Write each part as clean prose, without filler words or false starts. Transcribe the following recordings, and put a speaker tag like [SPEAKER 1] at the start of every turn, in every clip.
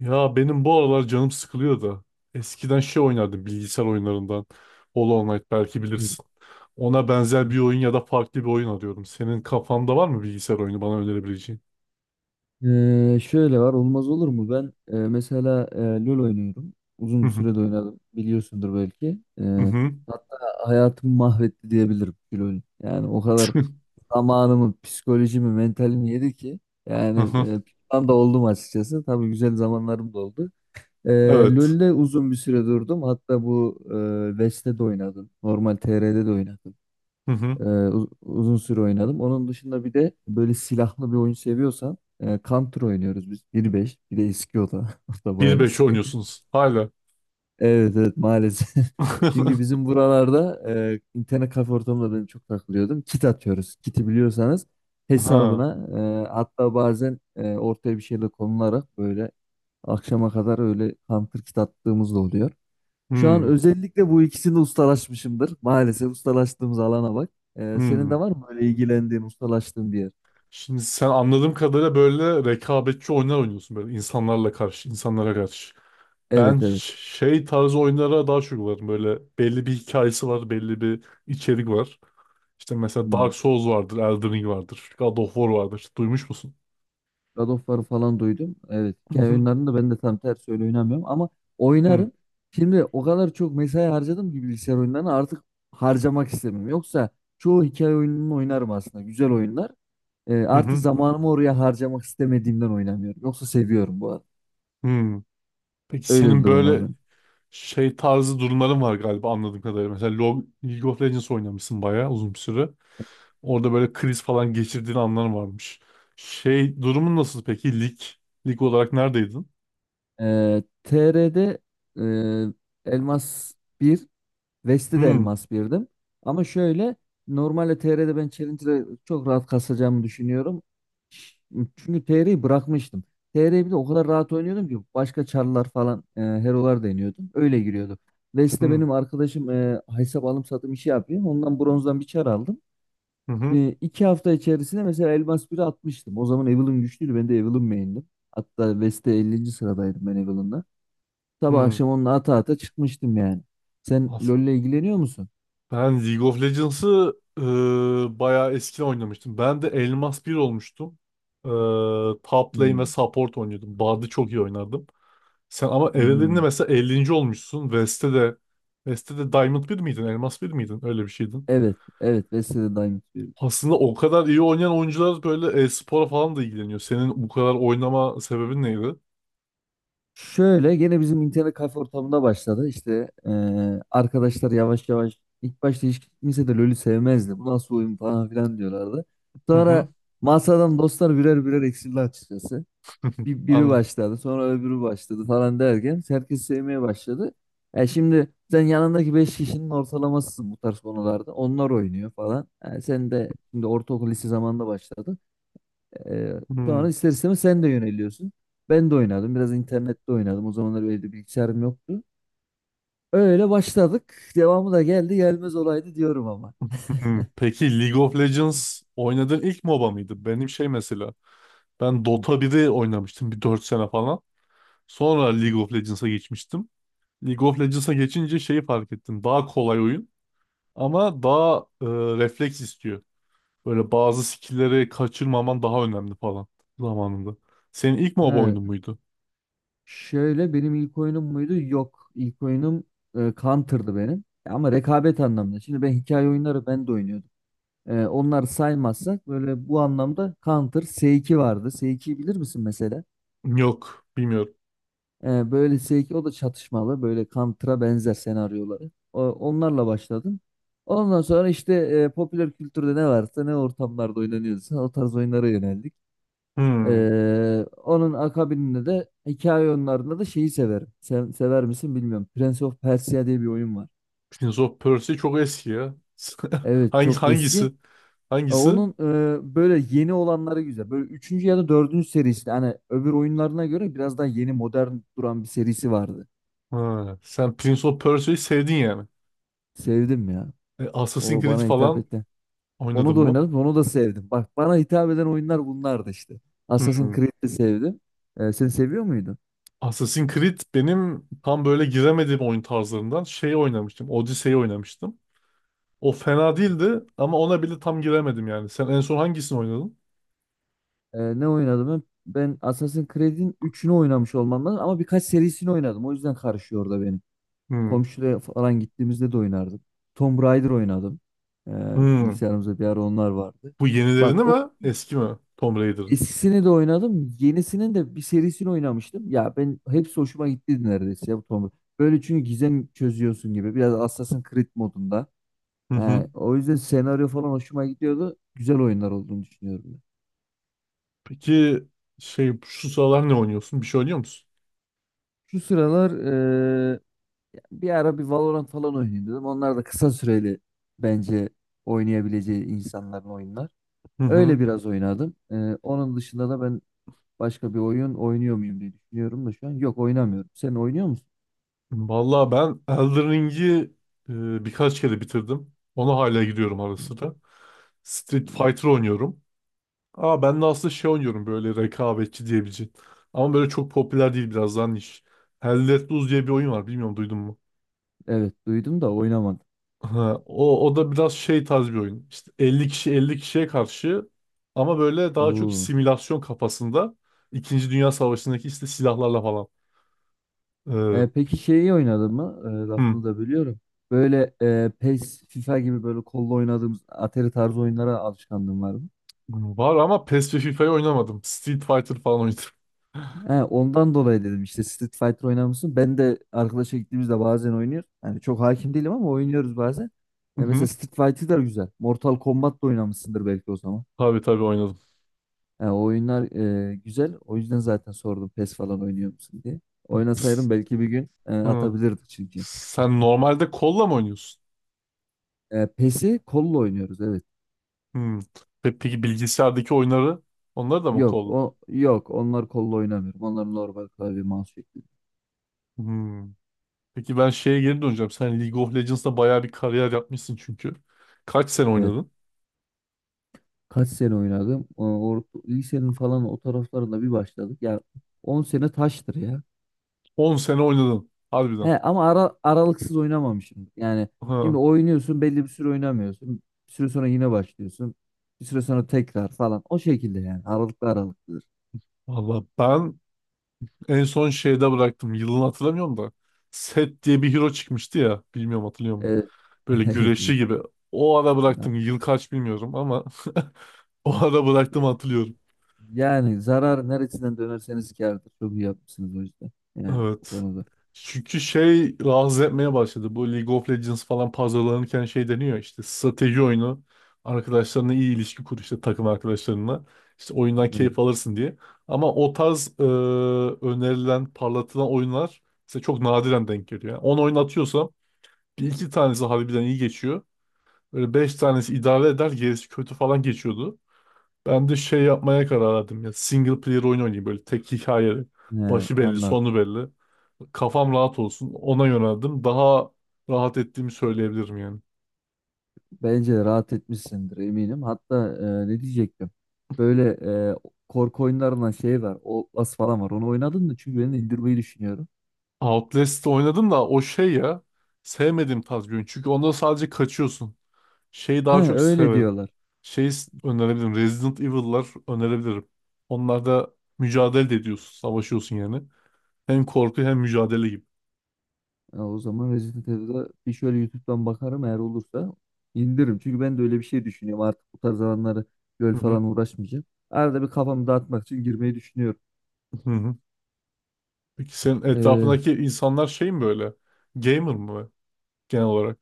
[SPEAKER 1] Ya benim bu aralar canım sıkılıyor da. Eskiden şey oynardım, bilgisayar oyunlarından. Hollow Knight, belki
[SPEAKER 2] Evet.
[SPEAKER 1] bilirsin. Ona benzer bir oyun ya da farklı bir oyun arıyorum. Senin kafanda var mı bilgisayar oyunu bana önerebileceğin?
[SPEAKER 2] Şöyle var olmaz olur mu? Ben mesela LoL oynuyorum.
[SPEAKER 1] Hı
[SPEAKER 2] Uzun bir
[SPEAKER 1] hı.
[SPEAKER 2] sürede oynadım. Biliyorsundur belki.
[SPEAKER 1] Hı
[SPEAKER 2] Ee,
[SPEAKER 1] hı.
[SPEAKER 2] hatta hayatımı mahvetti diyebilirim LoL. Yani o kadar zamanımı, psikolojimi, mentalimi yedi ki
[SPEAKER 1] Hı
[SPEAKER 2] yani
[SPEAKER 1] hı.
[SPEAKER 2] pişman da oldum açıkçası. Tabii güzel zamanlarım da oldu. Ee,
[SPEAKER 1] Evet.
[SPEAKER 2] LoL'de uzun bir süre durdum. Hatta bu West'te de oynadım. Normal TR'de de oynadım.
[SPEAKER 1] Hı hı.
[SPEAKER 2] Uzun süre oynadım. Onun dışında bir de böyle silahlı bir oyun seviyorsan Counter oynuyoruz biz. 1.5, bir de eski o da. O da bayağı
[SPEAKER 1] 1-5
[SPEAKER 2] eski.
[SPEAKER 1] oynuyorsunuz hala.
[SPEAKER 2] Evet, evet, maalesef. Çünkü bizim buralarda internet kafe ortamında ben çok takılıyordum. Kit atıyoruz. Kiti biliyorsanız
[SPEAKER 1] Ha.
[SPEAKER 2] hesabına hatta bazen ortaya bir şeyle konularak böyle akşama kadar öyle Counter kit attığımız da oluyor. Şu an
[SPEAKER 1] Hmm.
[SPEAKER 2] özellikle bu ikisini ustalaşmışımdır. Maalesef ustalaştığımız alana bak. Senin
[SPEAKER 1] Hmm.
[SPEAKER 2] de var mı böyle ilgilendiğin, ustalaştığın bir yer?
[SPEAKER 1] Şimdi sen anladığım kadarıyla böyle rekabetçi oyunlar oynuyorsun, böyle insanlarla karşı, insanlara karşı. Ben
[SPEAKER 2] Evet, evet.
[SPEAKER 1] şey tarzı oyunlara daha çok varım. Böyle belli bir hikayesi var, belli bir içerik var. İşte mesela Dark
[SPEAKER 2] Hmm.
[SPEAKER 1] Souls vardır, Elden Ring vardır, God of War vardır. İşte duymuş musun?
[SPEAKER 2] God of War'ı falan duydum. Evet.
[SPEAKER 1] Hı
[SPEAKER 2] Hikaye
[SPEAKER 1] hı,
[SPEAKER 2] oyunlarını da ben de tam tersi öyle oynamıyorum ama
[SPEAKER 1] hı,
[SPEAKER 2] oynarım. Şimdi o kadar çok mesai harcadım ki bilgisayar oyunlarına artık harcamak istemiyorum. Yoksa çoğu hikaye oyununu oynarım aslında. Güzel oyunlar. Ee,
[SPEAKER 1] hı
[SPEAKER 2] artık
[SPEAKER 1] hı,
[SPEAKER 2] zamanımı oraya harcamak istemediğimden oynamıyorum. Yoksa seviyorum bu arada.
[SPEAKER 1] hı. Peki
[SPEAKER 2] Öyle bir
[SPEAKER 1] senin
[SPEAKER 2] durum var
[SPEAKER 1] böyle
[SPEAKER 2] benim.
[SPEAKER 1] şey tarzı durumların var galiba, anladığım kadarıyla. Mesela League of Legends oynamışsın bayağı uzun bir süre. Orada böyle kriz falan geçirdiğin anlar varmış. Şey durumun nasıl peki? Lig, lig olarak neredeydin?
[SPEAKER 2] TR'de e, Elmas bir, vesti de
[SPEAKER 1] Hı
[SPEAKER 2] Elmas birdim. Ama şöyle normalde TR'de ben Challenger'ı çok rahat kasacağımı düşünüyorum. Ş- Çünkü TR'yi bırakmıştım. TR'yi bir de o kadar rahat oynuyordum ki başka çarlar falan herolar deniyordum. Öyle giriyordum. Vest'te
[SPEAKER 1] hı,
[SPEAKER 2] benim arkadaşım hesap alım satım işi yapıyor. Ondan bronzdan bir çar aldım.
[SPEAKER 1] hı hı,
[SPEAKER 2] E, 2 hafta içerisinde mesela Elmas biri atmıştım. O zaman Evelynn güçlüydü. Ben de Evelynn main'dim. Hatta West'te 50. sıradaydım ben Evelyn'da. Sabah
[SPEAKER 1] hı.
[SPEAKER 2] akşam onunla ata ata çıkmıştım yani. Sen LoL'le ilgileniyor musun?
[SPEAKER 1] Ben League of Legends'ı bayağı eskiden oynamıştım. Ben de Elmas bir olmuştum. E, Top lane ve
[SPEAKER 2] Hmm.
[SPEAKER 1] support oynuyordum. Bard'ı çok iyi oynardım. Sen ama evreninde
[SPEAKER 2] Hmm.
[SPEAKER 1] mesela 50. olmuşsun. West'te de West'te Diamond bir miydin? Elmas bir miydin? Öyle bir şeydin.
[SPEAKER 2] Evet, evet, Vesile Diamond diyorum.
[SPEAKER 1] Aslında o kadar iyi oynayan oyuncular böyle e-spora falan da ilgileniyor. Senin bu kadar oynama sebebin neydi?
[SPEAKER 2] Şöyle gene bizim internet kafe ortamında başladı. İşte arkadaşlar yavaş yavaş ilk başta hiç kimse de LoL'ü sevmezdi. Bu nasıl oyun falan filan diyorlardı.
[SPEAKER 1] Hı hı.
[SPEAKER 2] Sonra masadan dostlar birer birer eksildi açıkçası. Biri
[SPEAKER 1] Anladım.
[SPEAKER 2] başladı sonra öbürü başladı falan derken herkes sevmeye başladı. Şimdi sen yanındaki 5 kişinin ortalamasısın bu tarz konularda. Onlar oynuyor falan. Sen de şimdi ortaokul lise zamanında başladın. E,
[SPEAKER 1] Hmm,
[SPEAKER 2] sonra ister istemez sen de yöneliyorsun. Ben de oynadım. Biraz internette oynadım. O zamanlar böyle de bilgisayarım yoktu. Öyle başladık. Devamı da geldi gelmez olaydı diyorum ama.
[SPEAKER 1] hmm. Peki League of Legends oynadığın ilk MOBA mıydı? Benim şey mesela. Ben
[SPEAKER 2] Hı.
[SPEAKER 1] Dota 1'i oynamıştım, bir 4 sene falan. Sonra League of Legends'a geçmiştim. League of Legends'a geçince şeyi fark ettim. Daha kolay oyun, ama daha refleks istiyor. Böyle bazı skill'leri kaçırmaman daha önemli falan zamanında. Senin ilk MOBA
[SPEAKER 2] He,
[SPEAKER 1] oyunun muydu?
[SPEAKER 2] şöyle benim ilk oyunum muydu? Yok. İlk oyunum Counter'dı benim. Ama rekabet anlamında. Şimdi ben hikaye oyunları ben de oynuyordum. Onları saymazsak böyle bu anlamda Counter S2 vardı. S2'yi bilir misin mesela?
[SPEAKER 1] Yok, bilmiyorum.
[SPEAKER 2] Böyle S2 o da çatışmalı. Böyle Counter'a benzer senaryoları. Onlarla başladım. Ondan sonra işte popüler kültürde ne varsa ne ortamlarda oynanıyorsa o tarz oyunlara yöneldik.
[SPEAKER 1] Hmm.
[SPEAKER 2] Onun akabinde de hikaye oyunlarında da şeyi severim. Sen sever misin bilmiyorum. Prince of Persia diye bir oyun var.
[SPEAKER 1] Prince of Persia çok eski ya.
[SPEAKER 2] Evet,
[SPEAKER 1] Hangi
[SPEAKER 2] çok eski.
[SPEAKER 1] hangisi?
[SPEAKER 2] Ee,
[SPEAKER 1] Hangisi?
[SPEAKER 2] Onun böyle yeni olanları güzel. Böyle üçüncü ya da dördüncü serisi. Hani öbür oyunlarına göre biraz daha yeni modern duran bir serisi vardı.
[SPEAKER 1] Ha, sen Prince of Persia'yı sevdin yani.
[SPEAKER 2] Sevdim ya.
[SPEAKER 1] Assassin's
[SPEAKER 2] O
[SPEAKER 1] Creed
[SPEAKER 2] bana hitap
[SPEAKER 1] falan
[SPEAKER 2] etti.
[SPEAKER 1] oynadın
[SPEAKER 2] Onu da
[SPEAKER 1] mı?
[SPEAKER 2] oynadım. Onu da sevdim. Bak, bana hitap eden oyunlar bunlardı işte. Assassin's
[SPEAKER 1] Hmm.
[SPEAKER 2] Creed'i de sevdim. Sen seviyor muydun?
[SPEAKER 1] Assassin's Creed benim tam böyle giremediğim oyun tarzlarından. Şey oynamıştım, Odyssey'i oynamıştım. O fena değildi ama ona bile tam giremedim yani. Sen en son hangisini oynadın?
[SPEAKER 2] Ne oynadım ben? Ben Assassin's Creed'in üçünü oynamış olmam lazım ama birkaç serisini oynadım. O yüzden karışıyor orada benim.
[SPEAKER 1] Hmm.
[SPEAKER 2] Komşuya falan gittiğimizde de oynardım. Tomb Raider oynadım. Ee,
[SPEAKER 1] Hmm.
[SPEAKER 2] bilgisayarımızda bir ara onlar vardı.
[SPEAKER 1] Bu
[SPEAKER 2] Bak,
[SPEAKER 1] yenilerini
[SPEAKER 2] o
[SPEAKER 1] mi? Eski mi? Tomb Raider'ın.
[SPEAKER 2] eskisini de oynadım. Yenisinin de bir serisini oynamıştım. Ya ben hepsi hoşuma gitti neredeyse ya bu Tomb Raider. Böyle çünkü gizem çözüyorsun gibi. Biraz Assassin's Creed modunda.
[SPEAKER 1] Hı hı.
[SPEAKER 2] O yüzden senaryo falan hoşuma gidiyordu. Güzel oyunlar olduğunu düşünüyorum ben.
[SPEAKER 1] Peki şey, şu sıralar ne oynuyorsun? Bir şey oynuyor musun?
[SPEAKER 2] Şu sıralar bir ara bir Valorant falan oynayayım dedim. Onlar da kısa süreli bence oynayabileceği insanların oyunlar.
[SPEAKER 1] Hı hı.
[SPEAKER 2] Öyle biraz oynadım. Onun dışında da ben başka bir oyun oynuyor muyum diye düşünüyorum da şu an. Yok, oynamıyorum. Sen oynuyor musun?
[SPEAKER 1] Vallahi ben Elden Ring'i birkaç kere bitirdim. Ona hala gidiyorum ara sıra. Street Fighter oynuyorum. Aa, ben de aslında şey oynuyorum, böyle rekabetçi diyebileceğin. Ama böyle çok popüler değil, biraz daha niş. Hell Let Loose diye bir oyun var, bilmiyorum duydun mu?
[SPEAKER 2] Evet, duydum da oynamadım.
[SPEAKER 1] Ha, o, o da biraz şey tarz bir oyun. İşte 50 kişi 50 kişiye karşı, ama böyle daha çok
[SPEAKER 2] Oo.
[SPEAKER 1] simülasyon kafasında. İkinci Dünya Savaşı'ndaki işte silahlarla falan. Ee,
[SPEAKER 2] Peki şeyi oynadın mı? Ee,
[SPEAKER 1] hmm.
[SPEAKER 2] lafını da bölüyorum. Böyle PES, FIFA gibi böyle kolla oynadığımız Atari tarzı oyunlara alışkanlığın var mı?
[SPEAKER 1] Var ama PES ve FIFA'yı oynamadım. Street Fighter falan oynadım.
[SPEAKER 2] He, ondan dolayı dedim işte Street Fighter oynar mısın? Ben de arkadaşa gittiğimizde bazen oynuyor. Yani çok hakim değilim ama oynuyoruz bazen.
[SPEAKER 1] Hı
[SPEAKER 2] Mesela
[SPEAKER 1] hı.
[SPEAKER 2] Street Fighter da güzel. Mortal Kombat da oynamışsındır belki o zaman.
[SPEAKER 1] Tabii tabii oynadım.
[SPEAKER 2] Yani o oyunlar güzel. O yüzden zaten sordum PES falan oynuyor musun diye. Oynasaydım belki bir gün
[SPEAKER 1] Hı.
[SPEAKER 2] atabilirdik çünkü.
[SPEAKER 1] Sen normalde kolla mı oynuyorsun?
[SPEAKER 2] PES'i kolla oynuyoruz evet.
[SPEAKER 1] Hmm. Peki bilgisayardaki oyunları, onları da mı
[SPEAKER 2] Yok,
[SPEAKER 1] kol?
[SPEAKER 2] o yok, onlar kolla oynamıyorum. Onlar normal klavye mouse şeklinde.
[SPEAKER 1] Hmm. Peki ben şeye geri döneceğim. Sen League of Legends'da bayağı bir kariyer yapmışsın çünkü. Kaç sene
[SPEAKER 2] Evet.
[SPEAKER 1] oynadın?
[SPEAKER 2] Kaç sene oynadım. Orta, lisenin falan o taraflarında bir başladık. Ya 10 sene taştır ya.
[SPEAKER 1] 10 sene oynadın. Harbiden.
[SPEAKER 2] He, ama aralıksız oynamamışım. Yani şimdi
[SPEAKER 1] Ha.
[SPEAKER 2] oynuyorsun belli bir süre oynamıyorsun. Bir süre sonra yine başlıyorsun. Bir süre sonra tekrar falan. O şekilde yani. Aralıklı aralıklıdır.
[SPEAKER 1] Valla ben en son şeyde bıraktım. Yılını hatırlamıyorum da. Set diye bir hero çıkmıştı ya. Bilmiyorum, hatırlıyor musun?
[SPEAKER 2] Evet.
[SPEAKER 1] Böyle
[SPEAKER 2] Evet, evet.
[SPEAKER 1] güreşçi gibi. O ara
[SPEAKER 2] Ya-
[SPEAKER 1] bıraktım. Yıl kaç bilmiyorum ama o ara bıraktım, hatırlıyorum.
[SPEAKER 2] Yani zarar neresinden dönerseniz kârdır. Çok iyi yapmışsınız o yüzden. Yani bu
[SPEAKER 1] Evet.
[SPEAKER 2] konuda.
[SPEAKER 1] Çünkü şey rahatsız etmeye başladı. Bu League of Legends falan pazarlanırken şey deniyor, işte strateji oyunu. Arkadaşlarına iyi ilişki kur, işte takım arkadaşlarına. İşte oyundan
[SPEAKER 2] Evet.
[SPEAKER 1] keyif alırsın diye. Ama o tarz önerilen, parlatılan oyunlar size çok nadiren denk geliyor. Yani 10 oyun atıyorsam bir iki tanesi harbiden iyi geçiyor. Böyle 5 tanesi idare eder, gerisi kötü falan geçiyordu. Ben de şey yapmaya karar verdim ya. Single player oyun oynayayım, böyle tek hikaye.
[SPEAKER 2] He,
[SPEAKER 1] Başı belli,
[SPEAKER 2] anladım.
[SPEAKER 1] sonu belli. Kafam rahat olsun. Ona yöneldim. Daha rahat ettiğimi söyleyebilirim yani.
[SPEAKER 2] Bence rahat etmişsindir eminim. Hatta ne diyecektim? Böyle e, korku oyunlarından şey var. Outlast falan var. Onu oynadın mı? Çünkü ben indirmeyi düşünüyorum.
[SPEAKER 1] Outlast'ı oynadım da o şey ya. Sevmediğim tarz bir oyun. Çünkü onda sadece kaçıyorsun. Şeyi
[SPEAKER 2] He,
[SPEAKER 1] daha çok
[SPEAKER 2] öyle
[SPEAKER 1] severim.
[SPEAKER 2] diyorlar.
[SPEAKER 1] Şey önerebilirim, Resident Evil'lar önerebilirim. Onlarda mücadele de ediyorsun. Savaşıyorsun yani. Hem korku hem mücadele gibi.
[SPEAKER 2] Ya, o zaman Resident Evil'a bir şöyle YouTube'dan bakarım, eğer olursa indiririm. Çünkü ben de öyle bir şey düşünüyorum. Artık bu tarz alanları göl
[SPEAKER 1] Hı hı.
[SPEAKER 2] falan uğraşmayacağım. Arada bir kafamı dağıtmak için girmeyi düşünüyorum.
[SPEAKER 1] Hı hı. Peki senin
[SPEAKER 2] E,
[SPEAKER 1] etrafındaki insanlar şey mi böyle? Gamer mı? Genel olarak.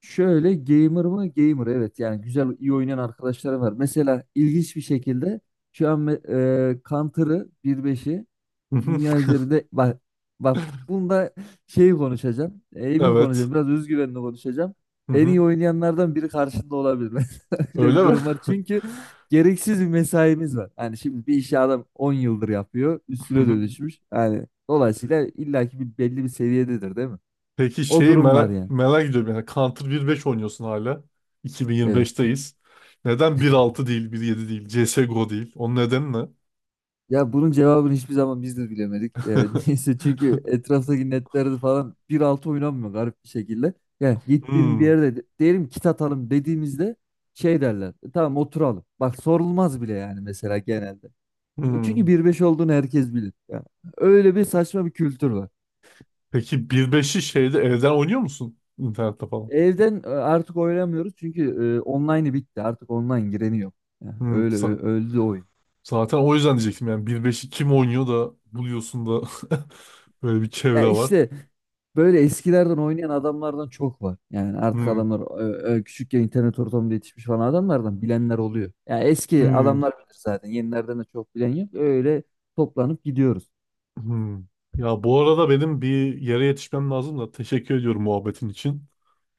[SPEAKER 2] Şöyle gamer mı? Gamer, evet, yani güzel iyi oynayan arkadaşlarım var. Mesela ilginç bir şekilde şu an Counter'ı 1.5'i
[SPEAKER 1] Hı hı.
[SPEAKER 2] dünya üzerinde bak, bak bunda şeyi konuşacağım. Emin
[SPEAKER 1] Evet.
[SPEAKER 2] konuşacağım. Biraz özgüvenli konuşacağım.
[SPEAKER 1] Hı
[SPEAKER 2] En iyi
[SPEAKER 1] hı.
[SPEAKER 2] oynayanlardan biri karşında olabilir. Mesela öyle
[SPEAKER 1] Öyle
[SPEAKER 2] bir
[SPEAKER 1] mi?
[SPEAKER 2] durum var. Çünkü gereksiz bir mesaimiz var. Yani şimdi bir işi adam 10 yıldır yapıyor.
[SPEAKER 1] Hı
[SPEAKER 2] Üstüne
[SPEAKER 1] hı.
[SPEAKER 2] dönüşmüş. Yani dolayısıyla illaki bir belli bir seviyededir değil mi?
[SPEAKER 1] Peki
[SPEAKER 2] O
[SPEAKER 1] şeyi
[SPEAKER 2] durum var
[SPEAKER 1] merak,
[SPEAKER 2] yani.
[SPEAKER 1] merak ediyorum, yani Counter 1.5 oynuyorsun hala.
[SPEAKER 2] Evet.
[SPEAKER 1] 2025'teyiz. Neden 1.6 değil, 1.7 değil, CSGO değil? Onun nedeni ne?
[SPEAKER 2] Ya bunun cevabını hiçbir zaman biz de bilemedik. Neyse, çünkü etraftaki netlerde falan 1.6 oynanmıyor garip bir şekilde. Yani gittiğim bir
[SPEAKER 1] Hmm,
[SPEAKER 2] yerde diyelim kit atalım dediğimizde şey derler. "Tamam oturalım. Bak, sorulmaz bile yani mesela genelde. Çünkü
[SPEAKER 1] hmm.
[SPEAKER 2] 1.5 olduğunu herkes bilir. Yani öyle bir saçma bir kültür var.
[SPEAKER 1] Peki 1.5'i şeyde evden oynuyor musun? İnternette falan.
[SPEAKER 2] Evden artık oynamıyoruz çünkü online'ı bitti. Artık online gireni yok. Yani
[SPEAKER 1] Hmm,
[SPEAKER 2] öyle öldü oyun.
[SPEAKER 1] zaten o yüzden diyecektim yani 1.5'i kim oynuyor da buluyorsun da böyle bir çevre
[SPEAKER 2] Ya
[SPEAKER 1] var.
[SPEAKER 2] işte böyle eskilerden oynayan adamlardan çok var. Yani artık
[SPEAKER 1] Hmm,
[SPEAKER 2] adamlar küçükken internet ortamında yetişmiş falan adamlardan bilenler oluyor. Yani eski
[SPEAKER 1] hmm.
[SPEAKER 2] adamlar bilir zaten. Yenilerden de çok bilen yok. Öyle toplanıp gidiyoruz.
[SPEAKER 1] Hmm. Ya bu arada benim bir yere yetişmem lazım da, teşekkür ediyorum muhabbetin için.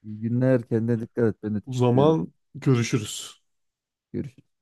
[SPEAKER 2] İyi günler. Kendine dikkat et. Ben de
[SPEAKER 1] O
[SPEAKER 2] teşekkür ederim.
[SPEAKER 1] zaman görüşürüz.
[SPEAKER 2] Görüşürüz.